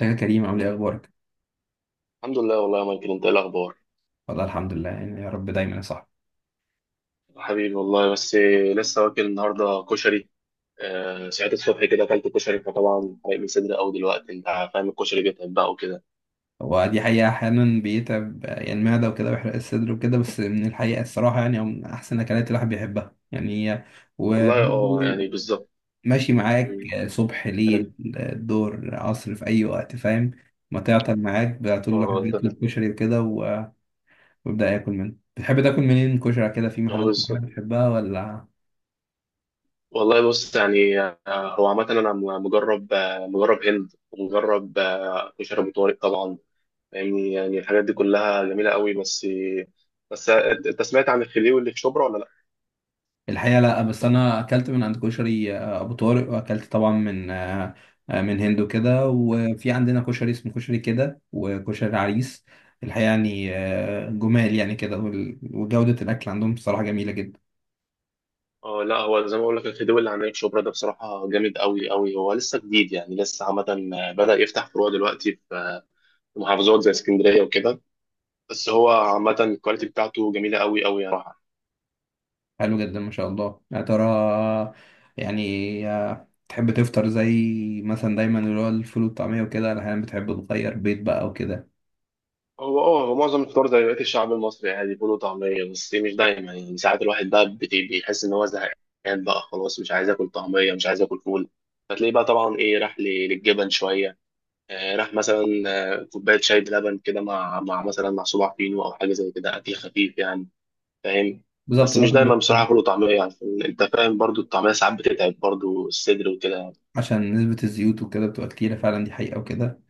يا كريم، عامل ايه اخبارك؟ الحمد لله، والله يا مايكل، انت ايه الاخبار؟ والله الحمد لله، يا رب دايما يا صاحبي. حبيبي والله. بس لسه واكل النهارده كشري. آه، ساعات الصبح كده اكلت كشري، فطبعا حرق لي صدري قوي دلوقتي. انت فاهم الكشري بيتعب بقى وكده. هو دي حقيقة أحيانا بيتعب يعني المعدة وكده، ويحرق الصدر وكده. بس من الحقيقة الصراحة يعني هو من أحسن أكلات الواحد بيحبها يعني والله اه وبرضه يعني بالظبط. ماشي معاك مم. صبح، ليل، انا. دور، عصر، في أي وقت، فاهم. ما تعطل معاك بقى، طول الواحد اه انت بيطلب فاهم. كشري وكده ويبدأ ياكل منه. بتحب تاكل منين كشري كده؟ في اه محلات بالظبط. معينة بتحبها ولا؟ والله بص يعني، هو عامة أنا مجرب هند، ومجرب كشري أبو طارق طبعا. يعني الحاجات دي كلها جميلة قوي. بس أنت سمعت عن الخليوي اللي في شبرا ولا الحقيقة لا، بس أنا أكلت من عند كشري أبو طارق، وأكلت طبعا من من هندو كده، وفي عندنا كشري اسمه كشري كده، وكشري عريس. الحقيقة يعني لأ؟ جمال يعني كده، وجودة الأكل عندهم بصراحة جميلة جدا. اه لا، هو زي ما بقول لك الخديوي اللي عند شبرا ده بصراحه جامد قوي قوي. هو لسه جديد، يعني لسه عامه بدا يفتح فروع دلوقتي في محافظات زي اسكندريه وكده. بس هو عامه الكواليتي بتاعته جميله قوي قوي يعني بصراحه. حلو جدا ما شاء الله. يا ترى يعني تحب تفطر زي مثلا دايما اللي هو الفول والطعمية وكده، ولا أحيانا بتحب تغير بيض بقى وكده؟ هو اه هو معظم الفطار زي بقيه الشعب المصري عادي، فول وطعميه. بس إيه، مش دايما يعني. ساعات الواحد بقى بيحس ان هو زهقان بقى خلاص، مش عايز اكل طعميه، مش عايز اكل فول. فتلاقيه بقى طبعا ايه، راح للجبن شويه. راح مثلا كوبايه شاي بلبن كده مع مثلا مع صباع فينو او حاجه زي كده، اكل خفيف يعني، فاهم. بالظبط، بس مش باكل دايما بيض بصراحه فول وطعميه، عشان انت فاهم برضو الطعميه ساعات بتتعب برضو الصدر وكده يعني. عشان نسبة الزيوت وكده بتبقى كتيرة فعلا، دي حقيقة وكده.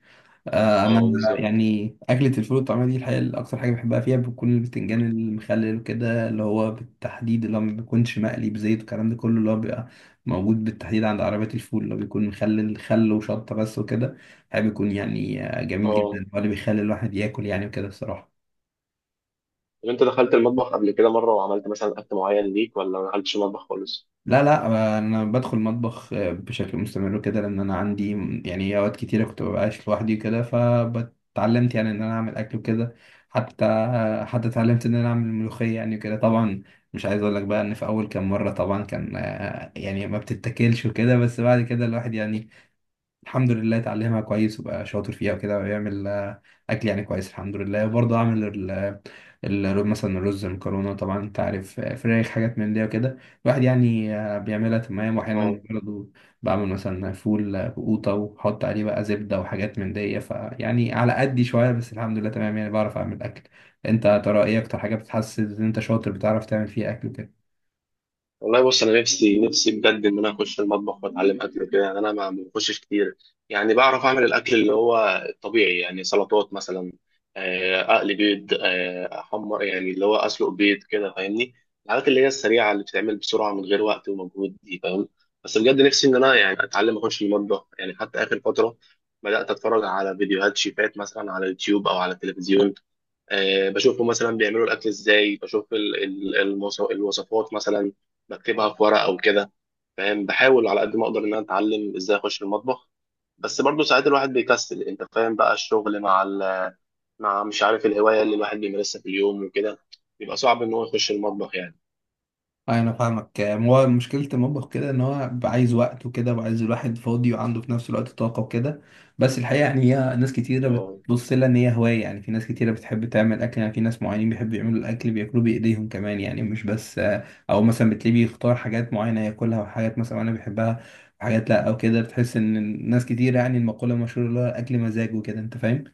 انا اه بالظبط. يعني اكله الفول والطعميه دي الحقيقه اكتر حاجه بحبها فيها بتكون البتنجان المخلل وكده، اللي هو بالتحديد اللي هو ما بيكونش مقلي بزيت والكلام ده كله، اللي هو بيبقى موجود بالتحديد عند عربيات الفول، اللي هو بيكون مخلل خل وشطه بس وكده. الحقيقه بيكون يعني جميل اه، جدا، هو اللي بيخلي الواحد ياكل يعني وكده الصراحه. طب انت دخلت المطبخ قبل كده مره وعملت مثلا اكل معين ليك، ولا ما دخلتش المطبخ خالص؟ لا لا، انا بدخل المطبخ بشكل مستمر كده، لان انا عندي يعني اوقات كتيره كنت ببقاش لوحدي كده، فاتعلمت يعني ان انا اعمل اكل وكده. حتى اتعلمت ان انا اعمل ملوخيه يعني كده. طبعا مش عايز اقول لك بقى ان في اول كام مره طبعا كان يعني ما بتتاكلش وكده، بس بعد كده الواحد يعني الحمد لله اتعلمها كويس، وبقى شاطر فيها وكده، ويعمل اكل يعني كويس الحمد لله. وبرضه اعمل مثلا الرز، المكرونه، طبعا انت عارف، فراخ، حاجات من دي وكده. الواحد يعني بيعملها تمام. اه، واحيانا برضه بعمل مثلا فول بقوطه، وبحط عليه بقى زبده وحاجات من دي، فيعني على قدي شويه بس الحمد لله تمام، يعني بعرف اعمل اكل. انت يا ترى ايه اكتر حاجه بتحسس ان انت شاطر بتعرف تعمل فيها اكل؟ والله بص، انا نفسي نفسي بجد ان انا اخش المطبخ واتعلم اكل كده. يعني انا ما بخشش كتير، يعني بعرف اعمل الاكل اللي هو الطبيعي يعني، سلطات مثلا، اقلي بيض، احمر يعني اللي هو اسلق بيض كده، فاهمني. الحاجات اللي هي السريعه اللي بتتعمل بسرعه من غير وقت ومجهود دي، فاهم. بس بجد نفسي ان انا يعني اتعلم اخش المطبخ، يعني حتى اخر فتره بدات اتفرج على فيديوهات شيفات مثلا على يوتيوب او على التلفزيون. بشوفهم مثلا بيعملوا الاكل ازاي، بشوف الوصفات مثلا، بكتبها في ورق او كده، فاهم. بحاول على قد ما اقدر ان انا اتعلم ازاي اخش المطبخ. بس برضه ساعات الواحد بيكسل، انت فاهم بقى الشغل مع مش عارف الهوايه اللي الواحد بيمارسها في اليوم وكده، بيبقى صعب ان هو يخش المطبخ يعني. أيوة، انا فاهمك. هو مشكله المطبخ كده ان هو عايز وقت وكده، وعايز الواحد فاضي وعنده في نفس الوقت طاقه وكده. بس الحقيقه يعني هي ناس كتيره اه بتبص لها ان هي هوايه، يعني في ناس كتيره بتحب تعمل اكل، يعني في ناس معينين بيحبوا يعملوا الاكل بياكلوه بايديهم كمان يعني مش بس. او مثلا بتلاقيه بيختار حاجات معينه ياكلها، وحاجات مثلا انا بيحبها وحاجات لا، او كده بتحس ان الناس كتير، يعني المقوله المشهوره اللي هو الاكل مزاج وكده، انت فاهم.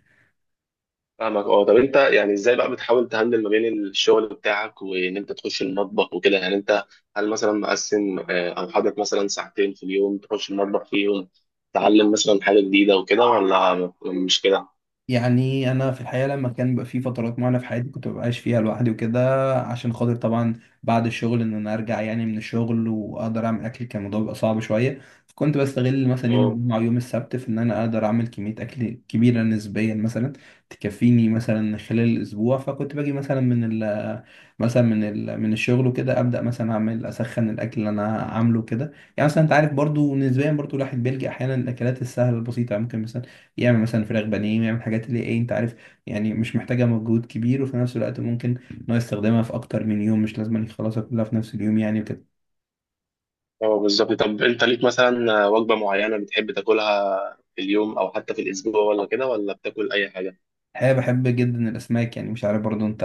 فاهمك. اه، طب انت يعني ازاي بقى بتحاول تهندل ما بين الشغل بتاعك وان انت تخش المطبخ وكده يعني؟ انت هل مثلا مقسم، او حاطط مثلا ساعتين في اليوم تخش المطبخ فيهم، تعلم مثلا حاجة جديدة وكده، ولا مش كده؟ يعني انا في الحقيقه لما كان بيبقى في فترات معينه في حياتي كنت ببقاش فيها لوحدي وكده، عشان خاطر طبعا بعد الشغل ان انا ارجع يعني من الشغل واقدر اعمل اكل، كان الموضوع بيبقى صعب شويه. فكنت بستغل مثلا يوم اه. الجمعه ويوم السبت في ان انا اقدر اعمل كميه اكل كبيره نسبيا مثلا، تكفيني مثلا خلال الاسبوع. فكنت باجي مثلا من الشغل وكده، ابدا مثلا اعمل اسخن الاكل اللي انا عامله كده. يعني مثلا انت عارف برضو نسبيا، برضو الواحد بيلجأ احيانا الاكلات السهله البسيطه، يعني ممكن مثلا يعمل مثلا فراخ بانيه، يعمل حاجات اللي ايه انت عارف، يعني مش محتاجة مجهود كبير، وفي نفس الوقت ممكن ان هو يستخدمها في اكتر من يوم، مش لازم يخلصها كلها في نفس اليوم يعني وكده. اه بالظبط. طب انت ليك مثلا وجبة معينة بتحب تاكلها في اليوم او حتى في الاسبوع، ولا كده ولا بتاكل اي حاجة؟ الحقيقة بحب جدا الأسماك، يعني مش عارف برضو أنت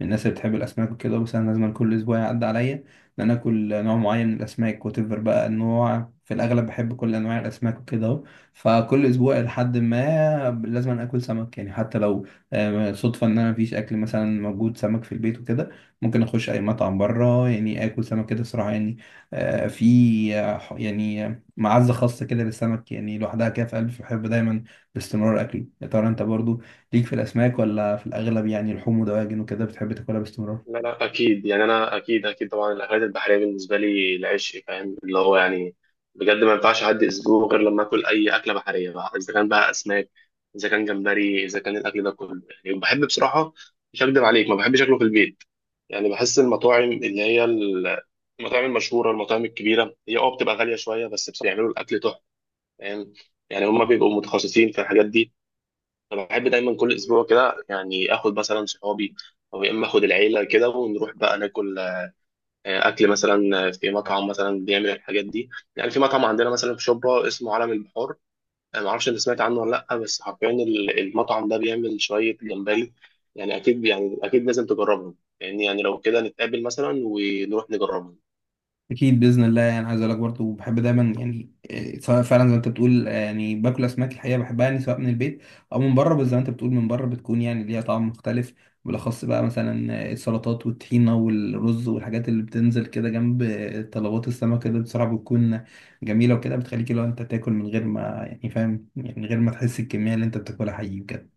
من الناس اللي بتحب الأسماك وكده، بس أنا لازم كل أسبوع يعدي عليا إن أنا آكل نوع معين من الأسماك، وتفر بقى النوع. في الأغلب بحب كل أنواع الأسماك وكده أهو، فكل أسبوع لحد ما لازم آكل سمك يعني. حتى لو صدفة إن أنا مفيش أكل مثلا موجود سمك في البيت وكده، ممكن أخش أي مطعم بره يعني آكل سمك كده صراحة يعني. في يعني معزة خاصة كده للسمك يعني، لوحدها كده في قلبي، بحب دايما باستمرار أكله. يا ترى أنت برضو ليك في الأسماك، ولا في الأغلب يعني لحوم ودواجن وكده بتحب تاكلها باستمرار؟ لا لا اكيد يعني، انا اكيد اكيد طبعا الاكلات البحريه بالنسبه لي العشق، فاهم اللي هو يعني بجد ما ينفعش اعدي اسبوع غير لما اكل اي اكله بحريه بقى، اذا كان بقى اسماك، اذا كان جمبري، اذا كان الاكل ده كله يعني بحب بصراحه. مش هكدب عليك، ما بحبش اكله في البيت. يعني بحس المطاعم اللي هي المطاعم المشهوره، المطاعم الكبيره، هي بتبقى غاليه شويه، بس بصراحه بيعملوا الاكل تحفه، فاهم. يعني هم بيبقوا متخصصين في الحاجات دي. انا بحب دايما كل اسبوع كده، يعني اخد مثلا صحابي، او يا اما اخد العيله كده ونروح بقى ناكل اكل مثلا في مطعم مثلا بيعمل الحاجات دي. يعني في مطعم عندنا مثلا في شبرا اسمه عالم البحار، انا ما اعرفش انت سمعت عنه ولا لا، بس حرفيا المطعم ده بيعمل شويه جمبري، يعني اكيد يعني اكيد لازم تجربهم. يعني يعني لو كده نتقابل مثلا ونروح نجربهم. أكيد بإذن الله. يعني عايز أقول لك برضه بحب دايما يعني إيه، سواء فعلا زي ما أنت بتقول يعني باكل أسماك الحقيقة بحبها، يعني سواء من البيت أو من بره، بس زي ما أنت بتقول من بره بتكون يعني ليها طعم مختلف. بالأخص بقى مثلا السلطات والطحينة والرز والحاجات اللي بتنزل كده جنب طلبات السمك كده، بصراحة بتكون جميلة وكده، بتخليك لو أنت تاكل من غير ما يعني فاهم، يعني من غير ما تحس الكمية اللي أنت بتاكلها حقيقي بجد.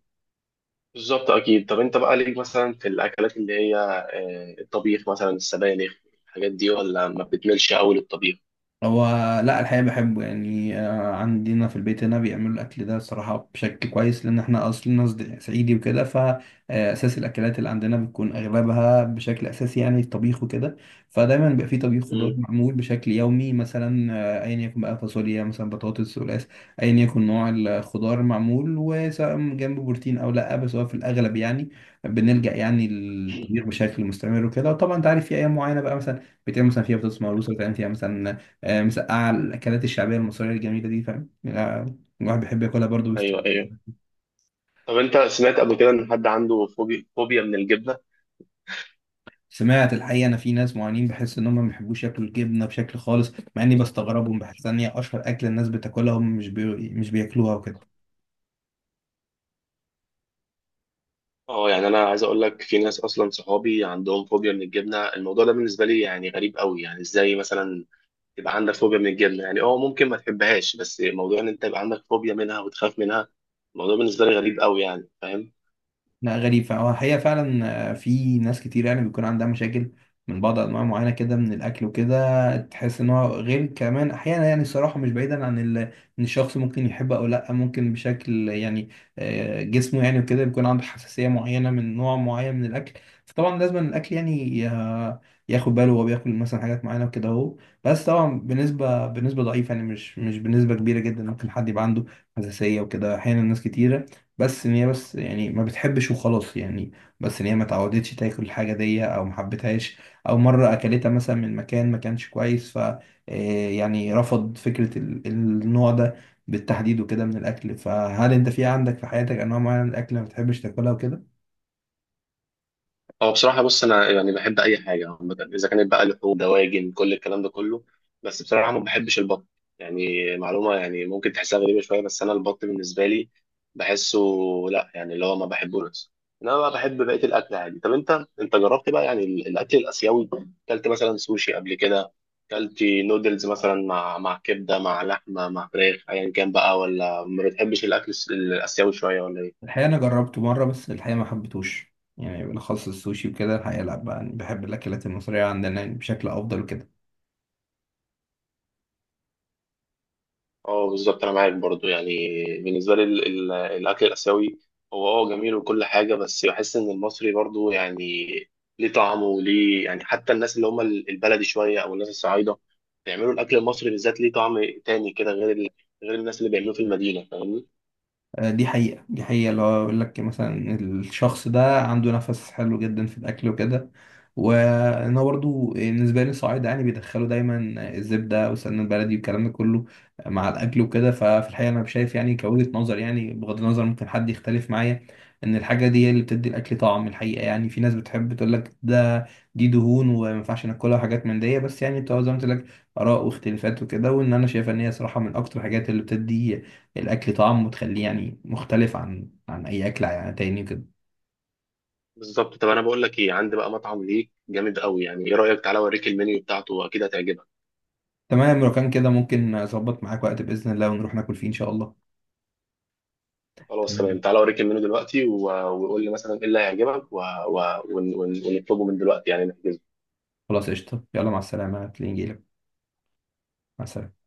بالظبط اكيد. طب انت بقى ليك مثلا في الاكلات اللي هي الطبيخ مثلا، السبانخ، الحاجات دي، ولا ما بتملش قوي للطبيخ؟ هو لا، الحقيقة بحبه يعني. عندنا في البيت هنا بيعملوا الأكل ده صراحة بشكل كويس، لأن احنا أصلنا صعيدي وكده، فأساس الأكلات اللي عندنا بتكون أغلبها بشكل أساسي يعني الطبيخ وكده. فدايما بيبقى في طبيخ خضار مم. معمول بشكل يومي مثلا، أيا يكن بقى، فاصوليا مثلا، بطاطس، قلقاس، أيا يكن نوع الخضار معمول، وسواء جنبه بروتين أو لأ. بس هو في الأغلب يعني بنلجأ يعني للطبيخ بشكل مستمر وكده. وطبعا أنت عارف في أيام معينة بقى مثلا بتعمل مثلا فيها بطاطس مهروسة، بتعمل فيها مثلا مسقعة، الأكلات الشعبية المصرية الجميلة دي، فاهم يعني، الواحد بيحب ياكلها برضه بس. ايوه ايوه. طب انت سمعت قبل كده ان حد عنده فوبيا من الجبنه؟ سمعت الحقيقة، أنا في ناس معينين بحس إن هم ما بيحبوش ياكلوا الجبنة بشكل خالص، مع إني بستغربهم بحس إن هي أشهر أكل الناس بتاكلها، هم مش بياكلوها وكده. اه، يعني انا عايز اقول لك في ناس اصلا صحابي عندهم فوبيا من الجبنه. الموضوع ده بالنسبه لي يعني غريب قوي، يعني ازاي مثلا يبقى عندك فوبيا من الجبنه؟ يعني ممكن ما تحبهاش، بس موضوع ان انت يبقى عندك فوبيا منها وتخاف منها، الموضوع بالنسبه لي غريب قوي يعني، فاهم. لا غريب، فهو الحقيقة فعلا في ناس كتير يعني بيكون عندها مشاكل من بعض أنواع معينة كده من الأكل وكده، تحس إن هو غير كمان أحيانا يعني. الصراحة مش بعيدا عن إن الشخص ممكن يحب أو لأ، ممكن بشكل يعني جسمه يعني وكده بيكون عنده حساسية معينة من نوع معين من الأكل، فطبعا لازم الأكل يعني ياخد باله وهو بياكل مثلا حاجات معينة وكده أهو. بس طبعا بنسبة ضعيفة يعني، مش بنسبة كبيرة جدا، ممكن حد يبقى عنده حساسية وكده أحيانا ناس كتيرة بس ان هي بس يعني ما بتحبش وخلاص يعني، بس ان هي ما اتعودتش تاكل الحاجه دي او ما حبتهاش، او مره اكلتها مثلا من مكان ما كانش كويس، ف يعني رفض فكره النوع ده بالتحديد وكده من الاكل. فهل انت في عندك في حياتك انواع معينه من الاكل ما بتحبش تاكلها وكده؟ هو بصراحة بص، أنا يعني بحب أي حاجة عامة، إذا كانت بقى لحوم، دواجن، كل الكلام ده كله. بس بصراحة ما بحبش البط. يعني معلومة يعني ممكن تحسها غريبة شوية، بس أنا البط بالنسبة لي بحسه، لأ يعني اللي هو ما بحبوش. إنما بقى بحب بقية الأكل عادي. طب أنت جربت بقى يعني الأكل الآسيوي؟ أكلت مثلا سوشي قبل كده؟ أكلت نودلز مثلا مع كبدة، مع لحمة، مع فراخ، أيا كان بقى، ولا ما بتحبش الأكل الآسيوي شوية ولا إيه؟ الحقيقه انا جربته مره بس الحقيقه ما حبيتهوش يعني، بالاخص السوشي وكده. الحقيقه لا بحب الاكلات المصريه عندنا يعني بشكل افضل وكده. اه بالظبط، انا معاك برضو يعني. بالنسبه لي الاكل الاسيوي هو جميل وكل حاجه، بس بحس ان المصري برضو يعني ليه طعمه وليه يعني. حتى الناس اللي هم البلدي شويه، او الناس الصعايده، بيعملوا الاكل المصري بالذات، ليه طعم تاني كده، غير الناس اللي بيعملوه في المدينه، فاهمني. دي حقيقة دي حقيقة، اللي هو يقول لك مثلا الشخص ده عنده نفس حلو جدا في الأكل وكده. وأنا برضو بالنسبة لي الصعايدة يعني بيدخلوا دايما الزبدة والسمنة البلدي والكلام ده كله مع الأكل وكده، ففي الحقيقة أنا شايف يعني كوجهة نظر، يعني بغض النظر ممكن حد يختلف معايا، إن الحاجة دي هي اللي بتدي الأكل طعم الحقيقة يعني. في ناس بتحب تقول لك ده دي دهون وما ينفعش ناكلها وحاجات من دي، بس يعني بتبقى زي ما قلت لك آراء واختلافات وكده، وإن أنا شايف إن هي صراحة من أكتر الحاجات اللي بتدي الاكل طعم وتخليه يعني مختلف عن اي اكل يعني تاني كده. بالظبط. طب انا بقول لك ايه، عندي بقى مطعم ليك جامد قوي، يعني ايه رايك تعالى اوريك المنيو بتاعته واكيد هتعجبك. تمام، لو كان كده ممكن اظبط معاك وقت باذن الله ونروح ناكل فيه ان شاء الله. خلاص تمام، تمام، تعالى اوريك المنيو دلوقتي وقول لي مثلا ايه اللي هيعجبك ونطلبه من دلوقتي يعني نحجزه. خلاص قشطه، يلا مع السلامه، هتلاقيني جايلك. مع السلامه.